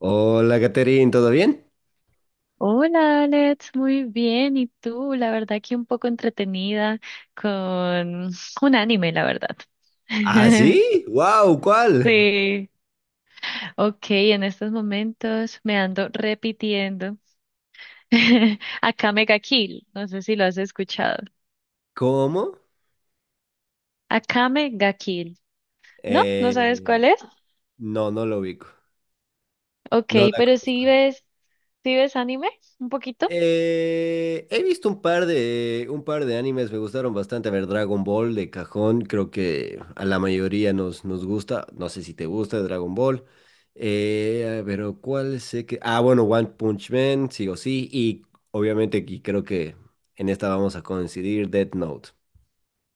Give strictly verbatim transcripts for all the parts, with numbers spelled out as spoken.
Hola, Catherine, ¿todo bien? Hola Alex, muy bien. ¿Y tú? La verdad que un poco entretenida con un anime, la verdad. ¿Ah, sí? ¡Wow! ¿Cuál? Sí. Ok, en estos momentos me ando repitiendo. Akame ga Kill, no sé si lo has escuchado. ¿Cómo? Akame ga Kill. ¿No? ¿No sabes Eh, cuál es? no, no lo ubico. Ok, No la pero sí conozco. ves, sí ves anime un poquito. Eh, he visto un par de, un par de animes, me gustaron bastante. A ver, Dragon Ball de cajón, creo que a la mayoría nos, nos gusta. No sé si te gusta Dragon Ball. Eh, pero ¿cuál sé que...? Ah, bueno, One Punch Man, sí o sí. Y obviamente, y creo que en esta vamos a coincidir, Death Note.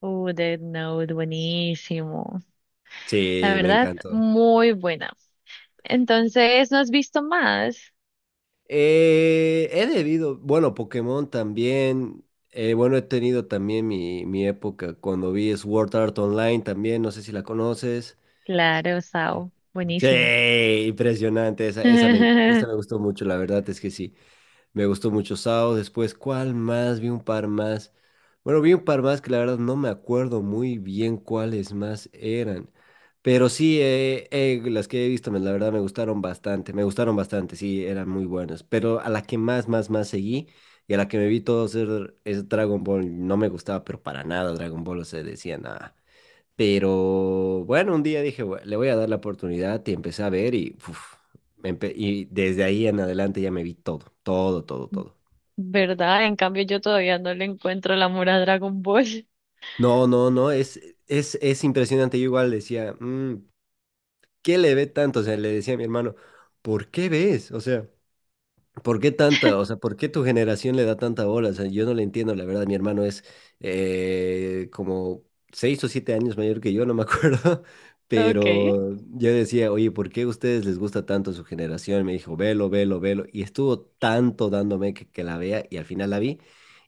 Uh, Death Note, buenísimo. La Sí, me verdad, encantó. muy buena. Entonces, ¿no has visto más? Eh, he debido, bueno, Pokémon también. eh, bueno, he tenido también mi, mi época cuando vi Sword Art Online también, no sé si la conoces. Claro, Sao. Sí, Buenísimo. impresionante, esa, esa me, esa me gustó mucho, la verdad es que sí. Me gustó mucho Sao. Después, ¿cuál más? Vi un par más. Bueno, vi un par más que la verdad no me acuerdo muy bien cuáles más eran. Pero sí, eh, eh, las que he visto, me- la verdad me gustaron bastante. Me gustaron bastante, sí, eran muy buenas. Pero a la que más, más, más seguí y a la que me vi todo ser es Dragon Ball. No me gustaba, pero para nada Dragon Ball. O sea, decía nada. Pero bueno, un día dije, "Bue- le voy a dar la oportunidad y empecé a ver y, uf, me empe- y desde ahí en adelante ya me vi todo, todo, todo, todo. ¿Verdad? En cambio, yo todavía no le encuentro el amor a Dragon Ball. No, no, no, es, es, es impresionante. Yo igual decía, "Mm, ¿qué le ve tanto? O sea, le decía a mi hermano, ¿por qué ves? O sea, ¿Por qué tanta? O sea, ¿por qué tu generación le da tanta bola? O sea, yo no le entiendo, la verdad. Mi hermano es eh, como seis o siete años mayor que yo, no me acuerdo. Ok. Pero yo decía, oye, ¿por qué a ustedes les gusta tanto su generación? Me dijo, velo, velo, velo. Y estuvo tanto dándome que, que la vea y al final la vi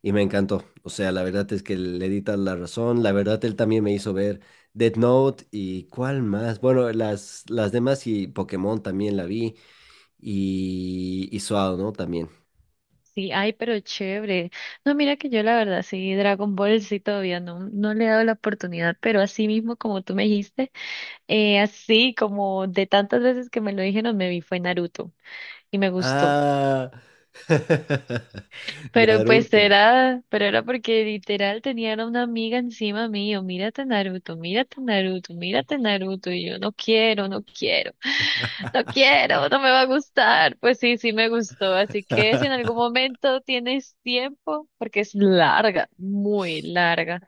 y me encantó. O sea, la verdad es que le di tal la razón. La verdad, él también me hizo ver Death Note y cuál más. Bueno, las, las demás y Pokémon también la vi. Y, y Suado, ¿no? También. Sí, ay, pero chévere. No, mira que yo la verdad, sí, Dragon Ball sí todavía no, no le he dado la oportunidad, pero así mismo como tú me dijiste, eh, así como de tantas veces que me lo dijeron, me vi fue Naruto y me gustó. Ah, Pero pues Naruto. era, pero era porque literal tenían a una amiga encima mío, mírate Naruto, mírate Naruto, mírate Naruto, y yo no quiero, no quiero, no quiero, no me va a gustar. Pues sí, sí me gustó, así que si en algún momento tienes tiempo, porque es larga, muy larga,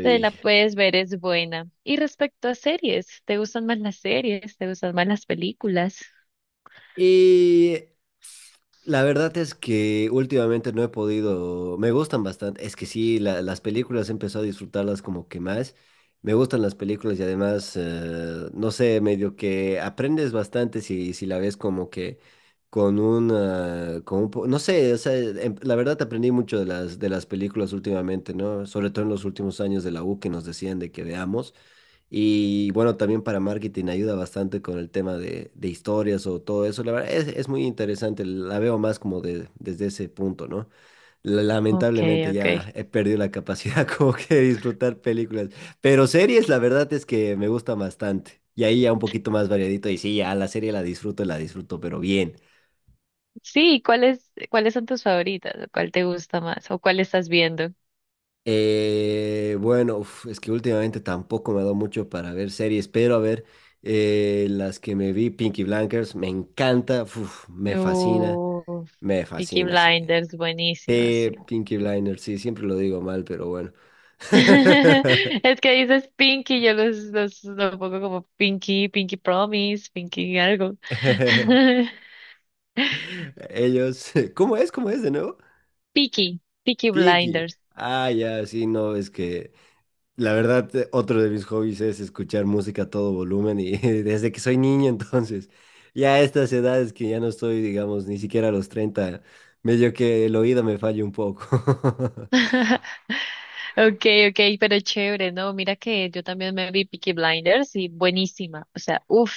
te la puedes ver, es buena. Y respecto a series, ¿te gustan más las series? ¿Te gustan más las películas? Y la verdad es que últimamente no he podido, me gustan bastante, es que sí, la- las películas he empezado a disfrutarlas como que más, me gustan las películas y además, eh, no sé, medio que aprendes bastante si, si la ves como que con una, con un po- no sé, o sea, em- la verdad aprendí mucho de las, de las, películas últimamente, ¿no? Sobre todo en los últimos años de la U que nos decían de que veamos. Y bueno, también para marketing ayuda bastante con el tema de, de historias o todo eso. La verdad es, es muy interesante, la veo más como de, desde ese punto, ¿no? La- Ok, Lamentablemente ok. ya he perdido la capacidad como que de disfrutar películas, pero series la verdad es que me gusta bastante. Y ahí ya un poquito más variadito y sí, ya la serie la disfruto, la disfruto, pero bien. Sí, ¿cuáles, cuáles son tus favoritas? ¿O ¿Cuál te gusta más? ¿O cuál estás viendo? Eh, bueno, uf, es que últimamente tampoco me ha dado mucho para ver series, pero a ver, eh, las que me vi, Pinky Blinders, me encanta, uf, me fascina, Uf, me Peaky fascina, sí. Blinders, buenísima, Te sí. Pinky Blinders, sí, siempre lo digo mal, pero bueno. Es que dices Pinky, yo los, los, lo pongo como Pinky, Pinky Promise, Pinky algo. Ellos, ¿cómo es? ¿Cómo es de nuevo? Peaky, Peaky Pinky. Blinders. Ah, ya, sí, no, es que la verdad, eh, otro de mis hobbies es escuchar música a todo volumen y desde que soy niño, entonces, ya a estas edades que ya no estoy, digamos, ni siquiera a los treinta medio que el oído me falla un poco. Okay, okay, pero chévere, ¿no? Mira que yo también me vi Peaky Blinders y buenísima, o sea, uff,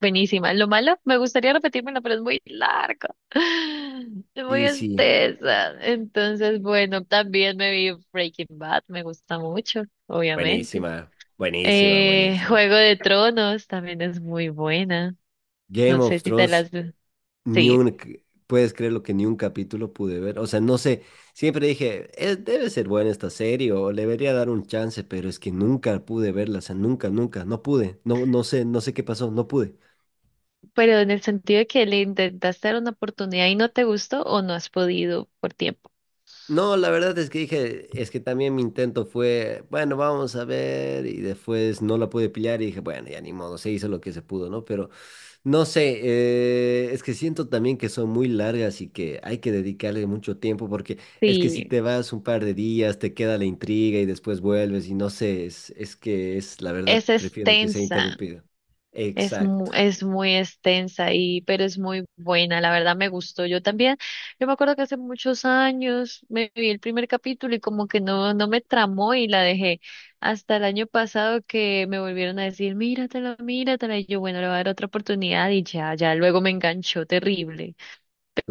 buenísima. Lo malo, me gustaría repetírmela, pero es muy larga, es muy Y sí, extensa. Entonces, bueno, también me vi Breaking Bad, me gusta mucho, obviamente. buenísima, buenísima, Eh, buenísima. Juego de Tronos también es muy buena, Game no sé of si te Thrones, las... ni Sí. un, c- puedes creer lo que ni un capítulo pude ver. O sea, no sé, siempre dije, "Eh, debe ser buena esta serie o le debería dar un chance, pero es que nunca pude verla, o sea, nunca, nunca, no pude, no, no sé, no sé qué pasó, no pude. Pero en el sentido de que le intentaste dar una oportunidad y no te gustó o no has podido por tiempo. No, la verdad es que dije, es que también mi intento fue, bueno, vamos a ver, y después no la pude pillar y dije, bueno, ya ni modo, se hizo lo que se pudo, ¿no? Pero no sé, eh, es que siento también que son muy largas y que hay que dedicarle mucho tiempo porque es que si Sí, te vas un par de días, te queda la intriga y después vuelves y no sé, es, es que es, la verdad, es prefiero que sea extensa. interrumpido. Es muy, Exacto. es muy extensa y, pero es muy buena, la verdad me gustó. Yo también, yo me acuerdo que hace muchos años me vi el primer capítulo y como que no, no me tramó y la dejé. Hasta el año pasado que me volvieron a decir, míratela, míratela. Y yo, bueno, le voy a dar otra oportunidad y ya, ya luego me enganchó terrible,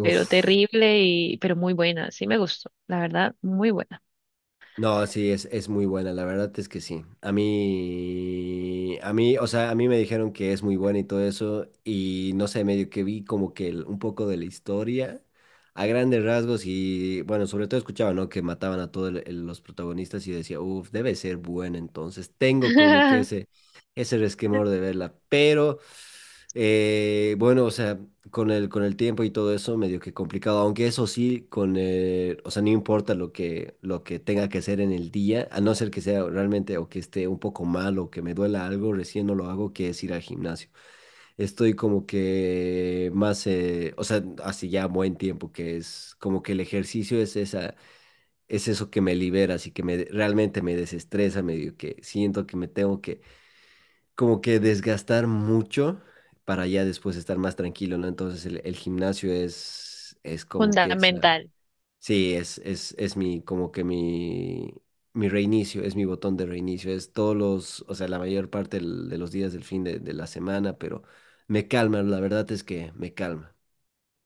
pero terrible y, pero muy buena, sí me gustó, la verdad, muy buena. No, sí, es, es muy buena, la verdad es que sí. A mí, a mí, o sea, a mí me dijeron que es muy buena y todo eso, y no sé, medio que vi como que el- un poco de la historia a grandes rasgos y bueno, sobre todo escuchaba, ¿no? Que mataban a todos los protagonistas y decía, uff, debe ser buena, entonces tengo como que ese, ese, resquemor de verla, pero eh, bueno, o sea, con el, con el tiempo y todo eso, medio que complicado, aunque eso sí, con el- o sea, no importa lo que, lo que tenga que hacer en el día, a no ser que sea realmente o que esté un poco mal o que me duela algo, recién no lo hago, que es ir al gimnasio. Estoy como que más, eh, o sea, hace ya buen tiempo que es como que el ejercicio es esa, es eso que me libera, así que me, realmente me desestresa, medio que siento que me tengo que como que desgastar mucho para ya después estar más tranquilo, ¿no? Entonces el, el gimnasio es, es como que esa, Fundamental. sí, es, es, es mi, como que mi, mi reinicio, es mi botón de reinicio, es todos los, o sea, la mayor parte del- de los días del fin de, de la semana, pero me calma, la verdad es que me calma,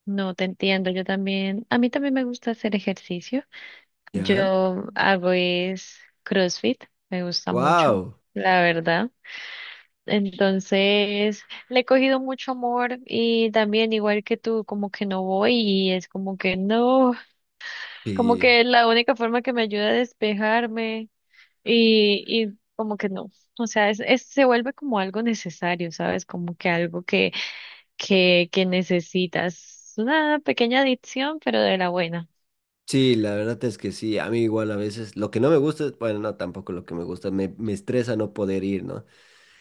No te entiendo, yo también, a mí también me gusta hacer ejercicio. ¿ya? Yo hago es CrossFit, me gusta mucho, ¡Wow! la verdad. Entonces, le he cogido mucho amor y también igual que tú, como que no voy y es como que no, como Sí. que es la única forma que me ayuda a despejarme y, y como que no, o sea, es, es- se vuelve como algo necesario, ¿sabes? Como que algo que, que, que necesitas, una pequeña adicción, pero de la buena. Sí, la verdad es que sí, a mí igual a veces, lo que no me gusta, bueno, no, tampoco lo que me gusta, me, me estresa no poder ir, ¿no?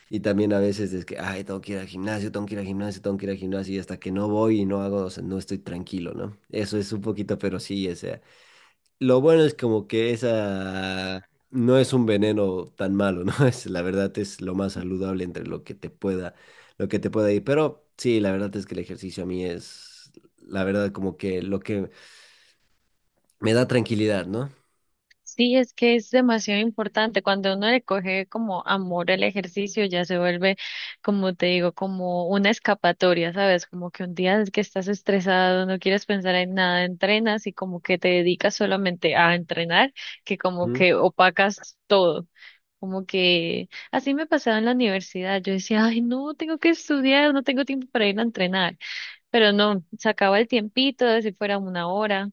Y también a veces es que, ay, tengo que ir al gimnasio, tengo que ir al gimnasio, tengo que ir al gimnasio, y hasta que no voy y no hago, o sea, no estoy tranquilo, ¿no? Eso es un poquito, pero sí, o sea, lo bueno es como que esa no es un veneno tan malo, ¿no? Es, la verdad es lo más saludable entre lo que te pueda, lo que te pueda ir, pero sí, la verdad es que el ejercicio a mí es, la verdad, como que lo que me da tranquilidad, ¿no? Sí, es que es demasiado importante. Cuando uno le coge como amor el ejercicio, ya se vuelve, como te digo, como una escapatoria, ¿sabes? Como que un día que estás estresado, no quieres pensar en nada, entrenas y como que te dedicas solamente a entrenar, que como ¿Mm? que opacas todo. Como que así me pasaba en la universidad. Yo decía, ay, no, tengo que estudiar, no tengo tiempo para ir a entrenar. Pero no, sacaba el tiempito, de si fuera una hora.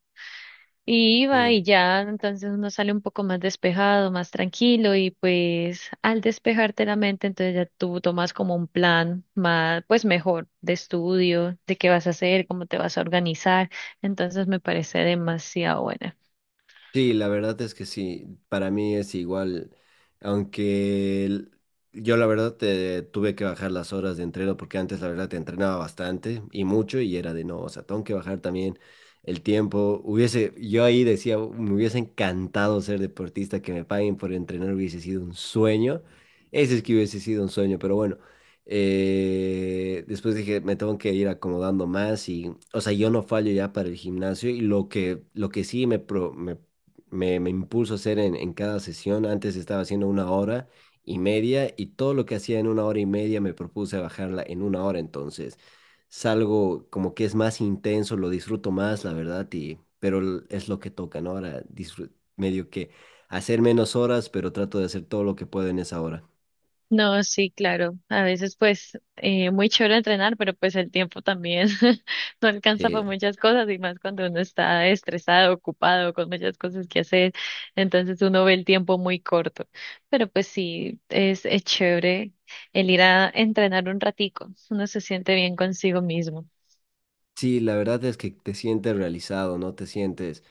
Y iba Sí. y ya, entonces uno sale un poco más despejado, más tranquilo y pues al despejarte la mente, entonces ya tú tomas como un plan más, pues mejor de estudio, de qué vas a hacer, cómo te vas a organizar. Entonces me parece demasiado buena. Sí, la verdad es que sí, para mí es igual, aunque el- yo la verdad te, tuve que bajar las horas de entreno porque antes la verdad te entrenaba bastante y mucho y era de no, o sea, tengo que bajar también el tiempo. Hubiese, yo ahí decía, "Uh, me hubiese encantado ser deportista, que me paguen por entrenar hubiese sido un sueño, ese es que hubiese sido un sueño, pero bueno, eh, después dije, me tengo que ir acomodando más y, o sea, yo no fallo ya para el gimnasio y lo que, lo que, sí me, pro- me me, me impulso a hacer en, en cada sesión. Antes estaba haciendo una hora y media y todo lo que hacía en una hora y media me propuse a bajarla en una hora. Entonces, salgo como que es más intenso, lo disfruto más, la verdad, y, pero l- es lo que toca, ¿no? Ahora disfru- medio que hacer menos horas, pero trato de hacer todo lo que puedo en esa hora. No, sí, claro. A veces pues eh, muy chévere entrenar, pero pues el tiempo también no alcanza Sí, para muchas cosas y más cuando uno está estresado, ocupado, con muchas cosas que hacer, entonces uno ve el tiempo muy corto. Pero pues sí, es, es chévere el ir a entrenar un ratico, uno se siente bien consigo mismo. sí, la verdad es que te sientes realizado, ¿no? Te sientes...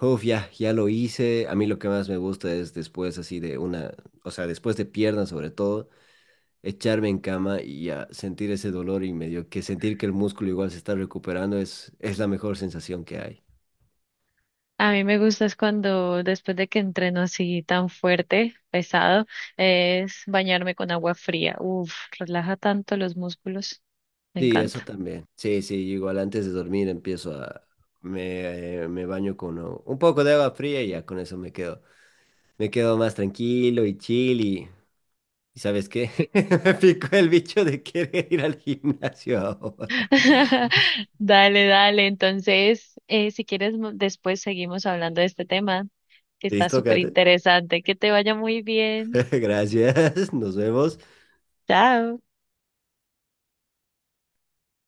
Uf, ya, ya lo hice. A mí lo que más me gusta es después así de una, o sea, después de piernas sobre todo, echarme en cama y a sentir ese dolor y medio que sentir que el músculo igual se está recuperando es, es la mejor sensación que hay. A mí me gusta es cuando después de que entreno así tan fuerte, pesado, es bañarme con agua fría. Uf, relaja tanto los músculos. Me Sí, eso encanta. también. Sí, sí, igual antes de dormir empiezo a... Me, eh, me baño con uh, un poco de agua fría y ya con eso me quedo. Me quedo más tranquilo y chill y... ¿Y sabes qué? Me picó el bicho de querer ir al gimnasio ahora. Dale, dale. Entonces, eh, si quieres, mo- después seguimos hablando de este tema, que está Listo, súper Kate. interesante. Que te vaya muy bien. Gracias. Nos vemos. Chao.